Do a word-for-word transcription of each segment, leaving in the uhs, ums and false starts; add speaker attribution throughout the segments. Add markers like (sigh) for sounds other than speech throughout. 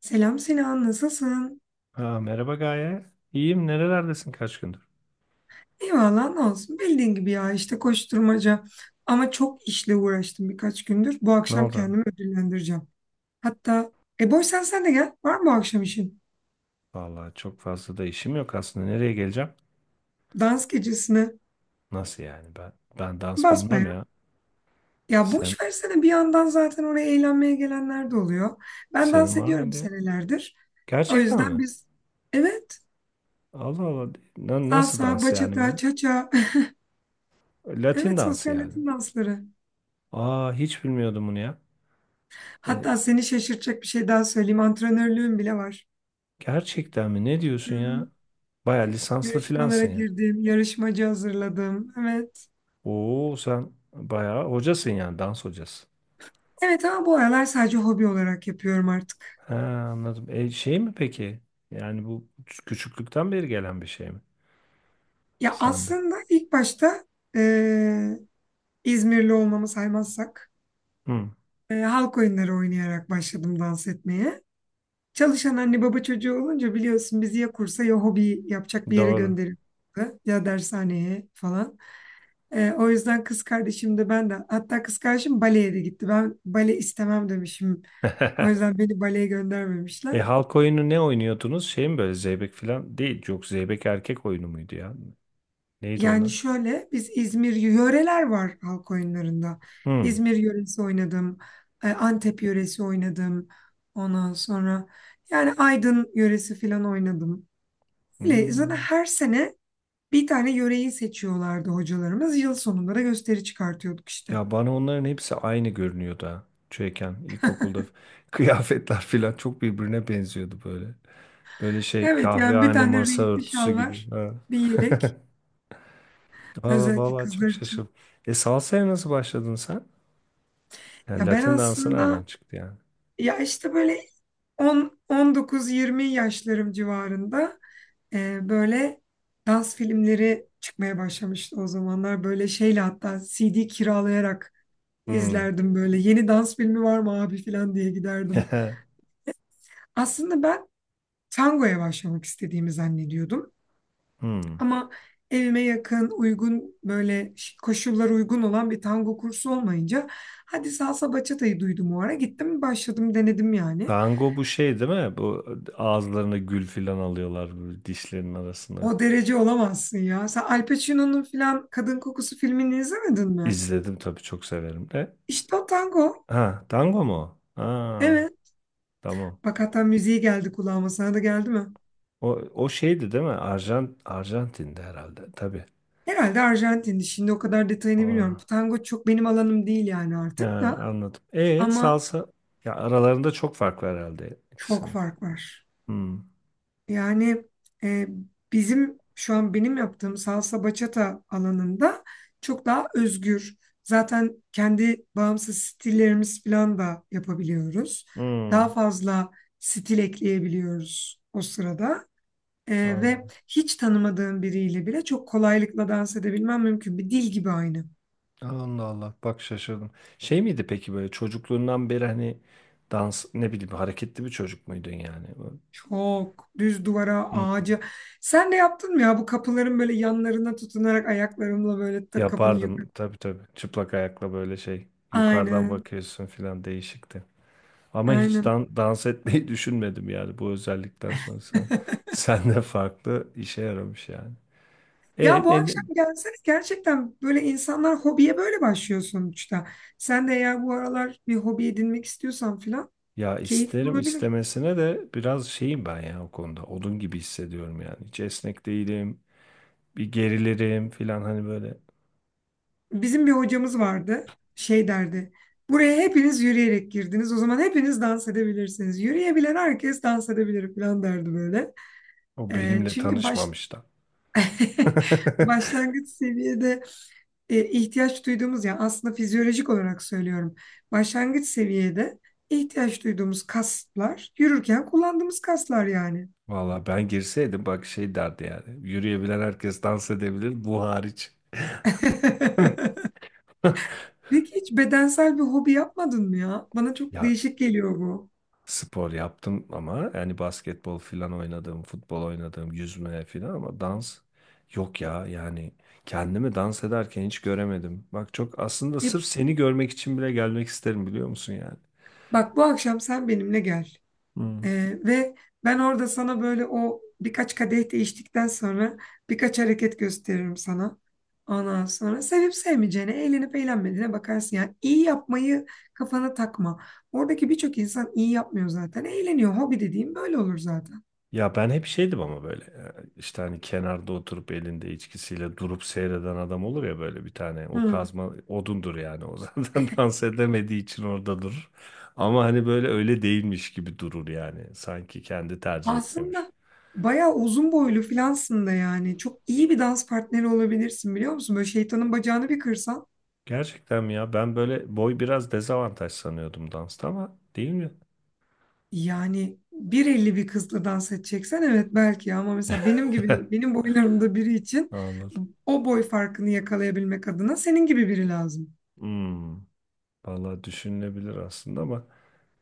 Speaker 1: Selam Sinan, nasılsın?
Speaker 2: Ha, merhaba Gaye. İyiyim. Nerelerdesin kaç gündür?
Speaker 1: Eyvallah, ne olsun. Bildiğin gibi ya işte koşturmaca. Ama çok işle uğraştım birkaç gündür. Bu
Speaker 2: Ne
Speaker 1: akşam
Speaker 2: oldu? Abi?
Speaker 1: kendimi ödüllendireceğim. Hatta, e boş sen sen de gel. Var mı bu akşam işin?
Speaker 2: Vallahi çok fazla da işim yok aslında. Nereye geleceğim?
Speaker 1: Dans gecesine
Speaker 2: Nasıl yani? Ben ben dans
Speaker 1: basma
Speaker 2: bilmem
Speaker 1: ya.
Speaker 2: ya.
Speaker 1: Ya
Speaker 2: Sen
Speaker 1: boş versene bir yandan zaten oraya eğlenmeye gelenler de oluyor. Ben
Speaker 2: senin
Speaker 1: dans
Speaker 2: var
Speaker 1: ediyorum
Speaker 2: mıydı?
Speaker 1: senelerdir. O
Speaker 2: Gerçekten
Speaker 1: yüzden
Speaker 2: mi?
Speaker 1: biz, evet,
Speaker 2: Allah Allah. Na- nasıl
Speaker 1: salsa,
Speaker 2: dans yani
Speaker 1: bachata,
Speaker 2: böyle?
Speaker 1: cha-cha. (laughs)
Speaker 2: Latin
Speaker 1: Evet,
Speaker 2: dansı
Speaker 1: sosyal
Speaker 2: yani.
Speaker 1: Latin dansları.
Speaker 2: Aa hiç bilmiyordum bunu ya. E,
Speaker 1: Hatta seni şaşırtacak bir şey daha söyleyeyim. Antrenörlüğüm bile var.
Speaker 2: Gerçekten mi? Ne
Speaker 1: Hı.
Speaker 2: diyorsun
Speaker 1: Hı.
Speaker 2: ya? Baya lisanslı
Speaker 1: Yarışmalara
Speaker 2: filansın ya.
Speaker 1: girdim, yarışmacı hazırladım. Evet.
Speaker 2: Oo sen baya hocasın yani dans hocası.
Speaker 1: Evet ama bu aralar sadece hobi olarak yapıyorum artık.
Speaker 2: Ha, anladım. E, şey mi peki? Yani bu küçüklükten beri gelen bir şey mi
Speaker 1: Ya
Speaker 2: sende?
Speaker 1: aslında ilk başta eee, İzmirli olmamı saymazsak
Speaker 2: Hı,
Speaker 1: eee, halk oyunları oynayarak başladım dans etmeye. Çalışan anne baba çocuğu olunca biliyorsun bizi ya kursa ya hobi yapacak bir yere
Speaker 2: doğru.
Speaker 1: gönderiyordu ya dershaneye falan. Eee, o yüzden kız kardeşim de ben de hatta kız kardeşim baleye de gitti. Ben bale istemem demişim. O
Speaker 2: (laughs)
Speaker 1: yüzden beni baleye
Speaker 2: E
Speaker 1: göndermemişler.
Speaker 2: halk oyunu ne oynuyordunuz? Şey mi böyle zeybek falan değil. Yok zeybek erkek oyunu muydu ya? Neydi
Speaker 1: Yani
Speaker 2: onlar?
Speaker 1: şöyle biz İzmir yöreler var halk oyunlarında.
Speaker 2: Hı.
Speaker 1: İzmir yöresi oynadım. e, Antep yöresi oynadım. Ondan sonra yani Aydın yöresi falan oynadım.
Speaker 2: Hı.
Speaker 1: Öyle zaten her sene bir tane yöreyi seçiyorlardı hocalarımız. Yıl sonunda da gösteri çıkartıyorduk işte.
Speaker 2: Ya bana onların hepsi aynı görünüyordu ha. Çocukken ilkokulda f- (laughs) kıyafetler falan çok birbirine benziyordu böyle. Böyle şey
Speaker 1: Evet yani bir
Speaker 2: kahvehane
Speaker 1: tane
Speaker 2: masa
Speaker 1: renkli
Speaker 2: örtüsü
Speaker 1: şal
Speaker 2: gibi.
Speaker 1: var.
Speaker 2: Ha.
Speaker 1: Bir yelek
Speaker 2: (laughs) Valla
Speaker 1: özellikle
Speaker 2: valla
Speaker 1: kızlar
Speaker 2: çok
Speaker 1: için.
Speaker 2: şaşırdım. E salsaya nasıl başladın sen? Yani
Speaker 1: Ya ben
Speaker 2: Latin dansı nereden
Speaker 1: aslında
Speaker 2: çıktı yani?
Speaker 1: ya işte böyle on on dokuz yirmi yaşlarım civarında e, böyle dans filmleri çıkmaya başlamıştı o zamanlar. Böyle şeyle hatta C D kiralayarak
Speaker 2: Hmm.
Speaker 1: izlerdim böyle. Yeni dans filmi var mı abi falan diye giderdim.
Speaker 2: (laughs)
Speaker 1: Aslında ben tangoya başlamak istediğimi zannediyordum.
Speaker 2: Hmm.
Speaker 1: Ama evime yakın, uygun böyle koşullar uygun olan bir tango kursu olmayınca hadi salsa bachata'yı duydum o ara gittim başladım denedim yani.
Speaker 2: Tango bu şey değil mi? Bu ağızlarına gül filan alıyorlar böyle dişlerinin arasına.
Speaker 1: O derece olamazsın ya. Sen Al Pacino'nun filan Kadın Kokusu filmini izlemedin mi?
Speaker 2: İzledim tabii çok severim de.
Speaker 1: İşte o tango.
Speaker 2: Ha, tango mu? O? Ha,
Speaker 1: Evet.
Speaker 2: tamam.
Speaker 1: Bak hatta müziği geldi kulağıma. Sana da geldi mi?
Speaker 2: O o şeydi değil mi? Arjant Arjantin'de herhalde tabii.
Speaker 1: Herhalde Arjantin'di. Şimdi o kadar detayını bilmiyorum.
Speaker 2: Ora.
Speaker 1: Tango çok benim alanım değil yani artık
Speaker 2: Ha,
Speaker 1: da.
Speaker 2: anladım. E
Speaker 1: Ama
Speaker 2: salsa ya aralarında çok fark var herhalde
Speaker 1: çok
Speaker 2: ikisinin.
Speaker 1: fark var.
Speaker 2: Hmm.
Speaker 1: Yani e, bizim şu an benim yaptığım salsa bachata alanında çok daha özgür. Zaten kendi bağımsız stillerimiz falan da yapabiliyoruz. Daha
Speaker 2: Hmm.
Speaker 1: fazla stil ekleyebiliyoruz o sırada. E, ve hiç tanımadığım biriyle bile çok kolaylıkla dans edebilmem mümkün. Bir dil gibi aynı.
Speaker 2: Allah Allah bak şaşırdım. Şey miydi peki böyle çocukluğundan beri hani dans ne bileyim hareketli bir çocuk muydun yani?
Speaker 1: Çok düz duvara,
Speaker 2: Hı.
Speaker 1: ağaca. Sen de yaptın mı ya bu kapıların böyle yanlarına tutunarak ayaklarımla böyle de kapını yük.
Speaker 2: Yapardım tabii tabii çıplak ayakla böyle şey yukarıdan
Speaker 1: Aynen.
Speaker 2: bakıyorsun filan değişikti. Ama hiç
Speaker 1: Aynen.
Speaker 2: dan- dans etmeyi (laughs) düşünmedim yani bu özellikten sonra sen, (laughs)
Speaker 1: (laughs)
Speaker 2: sen de farklı işe yaramış yani.
Speaker 1: Ya
Speaker 2: E
Speaker 1: bu
Speaker 2: ne, ne-
Speaker 1: akşam gelsene gerçekten böyle insanlar hobiye böyle başlıyor sonuçta. Sen de eğer bu aralar bir hobi edinmek istiyorsan filan
Speaker 2: ya
Speaker 1: keyifli
Speaker 2: isterim
Speaker 1: olabilir.
Speaker 2: istemesine de biraz şeyim ben ya o konuda odun gibi hissediyorum yani. Hiç esnek değilim bir gerilirim filan hani böyle.
Speaker 1: Bizim bir hocamız vardı şey derdi. Buraya hepiniz yürüyerek girdiniz o zaman hepiniz dans edebilirsiniz. Yürüyebilen herkes dans edebilir filan derdi böyle.
Speaker 2: O
Speaker 1: Ee,
Speaker 2: benimle
Speaker 1: çünkü baş...
Speaker 2: tanışmamış da.
Speaker 1: (laughs)
Speaker 2: (laughs)
Speaker 1: başlangıç seviyede e, ihtiyaç duyduğumuz yani aslında fizyolojik olarak söylüyorum. Başlangıç seviyede ihtiyaç duyduğumuz kaslar yürürken kullandığımız kaslar yani.
Speaker 2: Valla ben girseydim bak şey derdi yani. Yürüyebilen herkes dans edebilir bu hariç.
Speaker 1: (laughs)
Speaker 2: (laughs)
Speaker 1: Peki hiç bedensel bir hobi yapmadın mı ya? Bana çok
Speaker 2: Ya
Speaker 1: değişik geliyor bu.
Speaker 2: spor yaptım ama yani basketbol filan oynadım, futbol oynadım, yüzme filan ama dans yok ya yani kendimi dans ederken hiç göremedim. Bak çok aslında
Speaker 1: E,
Speaker 2: sırf seni görmek için bile gelmek isterim biliyor musun yani?
Speaker 1: bak bu akşam sen benimle gel.
Speaker 2: Hmm.
Speaker 1: Ee, ve ben orada sana böyle o birkaç kadeh değiştikten sonra birkaç hareket gösteririm sana. Ondan sonra sevip sevmeyeceğine, eğlenip eğlenmediğine bakarsın. Yani iyi yapmayı kafana takma. Oradaki birçok insan iyi yapmıyor zaten. Eğleniyor. Hobi dediğim böyle olur zaten.
Speaker 2: Ya ben hep şeydim ama böyle e, işte hani kenarda oturup elinde içkisiyle durup seyreden adam olur ya böyle bir tane o
Speaker 1: Hı.
Speaker 2: kazma odundur yani o zaten (laughs) dans edemediği için orada durur. Ama hani böyle öyle değilmiş gibi durur yani sanki kendi tercih etmiyormuş.
Speaker 1: Aslında bayağı uzun boylu filansın da yani. Çok iyi bir dans partneri olabilirsin biliyor musun? Böyle şeytanın bacağını bir kırsan.
Speaker 2: Gerçekten mi ya ben böyle boy biraz dezavantaj sanıyordum dansta ama değil mi?
Speaker 1: Yani bir elli bir kızla dans edeceksen evet belki ama mesela benim gibi
Speaker 2: (laughs)
Speaker 1: benim boylarımda biri için
Speaker 2: Anladım.
Speaker 1: o boy farkını yakalayabilmek adına senin gibi biri lazım.
Speaker 2: Hmm, vallahi düşünülebilir aslında ama.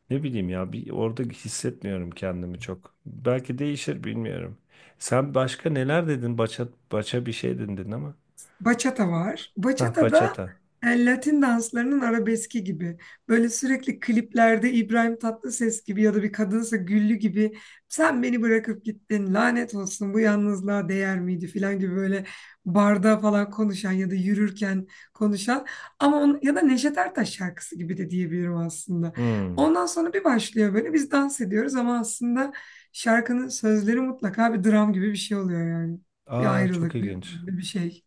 Speaker 2: Ne bileyim ya bir orada hissetmiyorum kendimi çok. Belki değişir bilmiyorum. Sen başka neler dedin? Baça, baça bir şey dedin ama.
Speaker 1: Bachata var.
Speaker 2: Hah
Speaker 1: Bachata da
Speaker 2: bachata.
Speaker 1: e, Latin danslarının arabeski gibi. Böyle sürekli kliplerde İbrahim Tatlıses gibi ya da bir kadınsa Güllü gibi sen beni bırakıp gittin lanet olsun bu yalnızlığa değer miydi falan gibi böyle barda falan konuşan ya da yürürken konuşan ama on, ya da Neşet Ertaş şarkısı gibi de diyebilirim aslında.
Speaker 2: Hmm.
Speaker 1: Ondan sonra bir başlıyor böyle biz dans ediyoruz ama aslında şarkının sözleri mutlaka bir dram gibi bir şey oluyor yani. Bir
Speaker 2: Aa çok
Speaker 1: ayrılık, bir,
Speaker 2: ilginç.
Speaker 1: bir şey.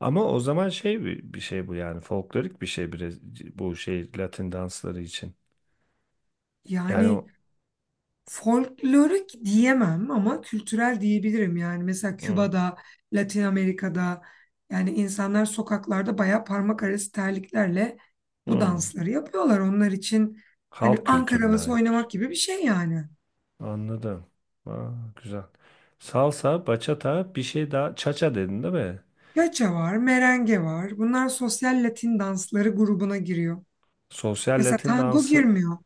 Speaker 2: Ama o zaman şey bir, bir şey bu yani folklorik bir şey biraz bu şey Latin dansları için. Yani
Speaker 1: Yani
Speaker 2: o
Speaker 1: folklorik diyemem ama kültürel diyebilirim. Yani mesela
Speaker 2: hmm,
Speaker 1: Küba'da, Latin Amerika'da yani insanlar sokaklarda bayağı parmak arası terliklerle bu
Speaker 2: hmm.
Speaker 1: dansları yapıyorlar. Onlar için hani
Speaker 2: Halk
Speaker 1: Ankara
Speaker 2: kültürüne
Speaker 1: havası
Speaker 2: aitmiş.
Speaker 1: oynamak gibi bir şey yani.
Speaker 2: Anladım. Aa, güzel. Salsa, bachata, bir şey daha. Cha-cha dedin değil mi?
Speaker 1: Yaça var, merenge var. Bunlar sosyal Latin dansları grubuna giriyor.
Speaker 2: Sosyal
Speaker 1: Mesela
Speaker 2: Latin
Speaker 1: tango
Speaker 2: dansı.
Speaker 1: girmiyor.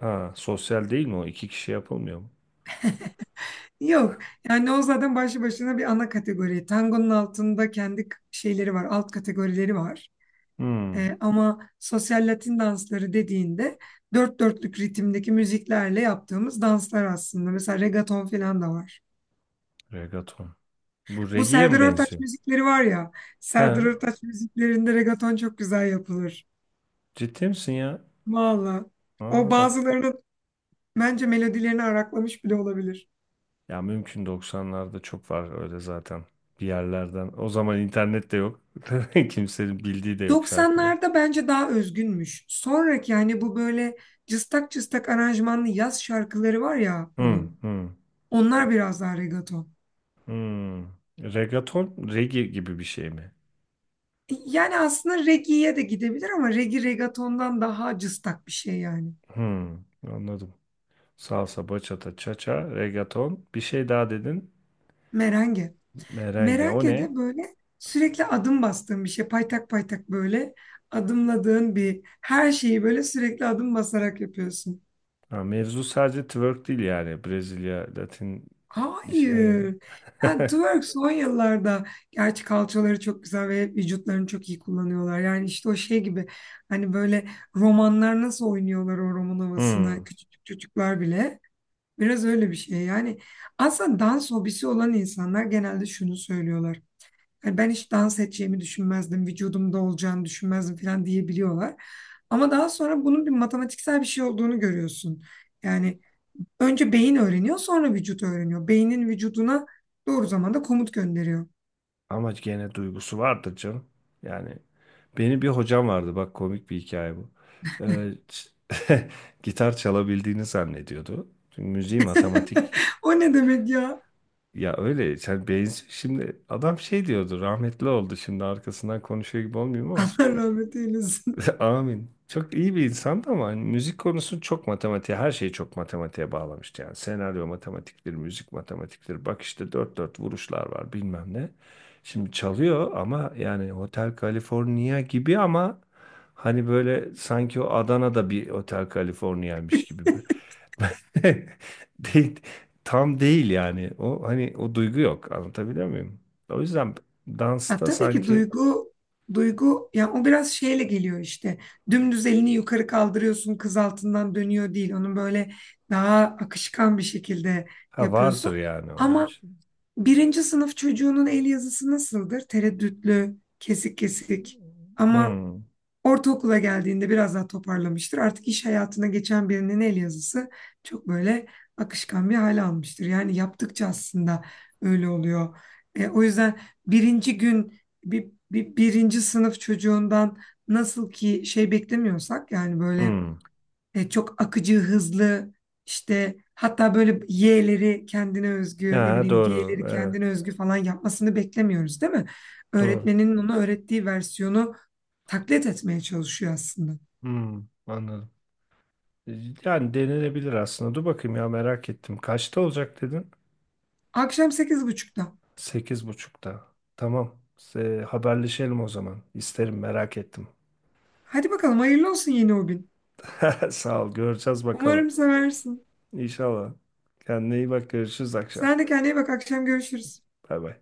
Speaker 2: Ha, sosyal değil mi o? İki kişi yapılmıyor mu?
Speaker 1: Yok. Yani o zaten başlı başına bir ana kategori. Tangonun altında kendi k- şeyleri var, alt kategorileri var.
Speaker 2: Hmm,
Speaker 1: E, ama sosyal Latin dansları dediğinde dört dörtlük ritimdeki müziklerle yaptığımız danslar aslında. Mesela reggaeton falan da var.
Speaker 2: regaton. Bu
Speaker 1: Bu
Speaker 2: regiye
Speaker 1: Serdar
Speaker 2: mi
Speaker 1: Ortaç
Speaker 2: benziyor?
Speaker 1: müzikleri var ya. Serdar
Speaker 2: Ha,
Speaker 1: Ortaç müziklerinde reggaeton çok güzel yapılır.
Speaker 2: ciddi misin ya?
Speaker 1: Valla. O
Speaker 2: Aa, bak.
Speaker 1: bazılarının bence melodilerini araklamış bile olabilir.
Speaker 2: Ya mümkün doksanlarda çok var öyle zaten. Bir yerlerden. O zaman internet de yok. (laughs) Kimsenin bildiği de yok şarkıları.
Speaker 1: doksanlarda bence daha özgünmüş. Sonraki yani bu böyle cıstak cıstak aranjmanlı yaz şarkıları var ya
Speaker 2: Hmm,
Speaker 1: onun.
Speaker 2: hmm,
Speaker 1: Onlar biraz daha reggaeton.
Speaker 2: hmm. Regaton reggae gibi bir şey mi?
Speaker 1: Yani aslında reggae'ye de gidebilir ama reggae reggaetondan daha cıstak bir şey yani.
Speaker 2: Hmm, anladım. Salsa, bachata, cha-cha, regaton. Bir şey daha dedin.
Speaker 1: Merenge.
Speaker 2: Merengue. O
Speaker 1: Merenge
Speaker 2: ne?
Speaker 1: de böyle sürekli adım bastığın bir şey. Paytak paytak böyle adımladığın bir her şeyi böyle sürekli adım basarak yapıyorsun.
Speaker 2: Ha, mevzu sadece twerk değil yani. Brezilya, Latin işine gel.
Speaker 1: Hayır. Yani
Speaker 2: (laughs)
Speaker 1: twerk son yıllarda gerçi kalçaları çok güzel ve vücutlarını çok iyi kullanıyorlar. Yani işte o şey gibi hani böyle romanlar nasıl oynuyorlar o roman havasını
Speaker 2: Hmm.
Speaker 1: küçük çocuklar bile. Biraz öyle bir şey. Yani aslında dans hobisi olan insanlar genelde şunu söylüyorlar. Yani ben hiç dans edeceğimi düşünmezdim, vücudumda olacağını düşünmezdim falan diyebiliyorlar. Ama daha sonra bunun bir matematiksel bir şey olduğunu görüyorsun. Yani önce beyin öğreniyor, sonra vücut öğreniyor. Beynin vücuduna doğru zamanda komut gönderiyor.
Speaker 2: Ama gene duygusu vardır canım. Yani benim bir hocam vardı. Bak komik bir hikaye bu. Ee, ç- (laughs) Gitar çalabildiğini zannediyordu. Çünkü müziği matematik.
Speaker 1: (laughs) O ne demek ya?
Speaker 2: Ya öyle sen benzi şimdi adam şey diyordu rahmetli oldu şimdi arkasından konuşuyor gibi
Speaker 1: (laughs)
Speaker 2: olmuyor
Speaker 1: Allah rahmet eylesin.
Speaker 2: (laughs) Amin. Çok iyi bir insandı ama hani müzik konusu çok matematiğe, her şeyi çok matematiğe bağlamıştı yani. Senaryo matematiktir, müzik matematiktir. Bak işte dört dört vuruşlar var bilmem ne. Şimdi çalıyor ama yani Hotel California gibi ama hani böyle sanki o Adana'da bir Hotel California'ymış gibi. (laughs) Değil, tam değil yani. O hani o duygu yok. Anlatabiliyor muyum? O yüzden
Speaker 1: Ya
Speaker 2: dansta
Speaker 1: tabii ki
Speaker 2: sanki
Speaker 1: duygu duygu ya o biraz şeyle geliyor işte. Dümdüz elini yukarı kaldırıyorsun, kız altından dönüyor değil. Onu böyle daha akışkan bir şekilde
Speaker 2: ha
Speaker 1: yapıyorsun.
Speaker 2: vardır yani onun
Speaker 1: Ama
Speaker 2: için.
Speaker 1: birinci sınıf çocuğunun el yazısı nasıldır? Tereddütlü, kesik kesik. Ama
Speaker 2: Hmm.
Speaker 1: ortaokula geldiğinde biraz daha toparlamıştır. Artık iş hayatına geçen birinin el yazısı çok böyle akışkan bir hale almıştır. Yani yaptıkça aslında öyle oluyor. E, o yüzden birinci gün bir, bir- birinci sınıf çocuğundan nasıl ki şey beklemiyorsak yani böyle
Speaker 2: Hmm.
Speaker 1: e, çok akıcı, hızlı işte hatta böyle Y'leri kendine özgü ne
Speaker 2: Ha,
Speaker 1: bileyim
Speaker 2: doğru.
Speaker 1: G'leri
Speaker 2: Evet.
Speaker 1: kendine özgü falan yapmasını beklemiyoruz değil mi?
Speaker 2: Doğru.
Speaker 1: Öğretmenin ona öğrettiği versiyonu taklit etmeye çalışıyor aslında.
Speaker 2: Hmm, anladım. Yani denenebilir aslında. Dur bakayım ya merak ettim. Kaçta olacak dedin?
Speaker 1: Akşam sekiz buçukta.
Speaker 2: Sekiz buçukta. Tamam. Se- haberleşelim o zaman. İsterim merak ettim.
Speaker 1: Hadi bakalım hayırlı olsun yeni o gün.
Speaker 2: (laughs) Sağ ol. Göreceğiz bakalım.
Speaker 1: Umarım seversin.
Speaker 2: İnşallah. Kendine iyi bak. Görüşürüz akşam.
Speaker 1: Sen de kendine iyi bak akşam görüşürüz.
Speaker 2: Bay bay.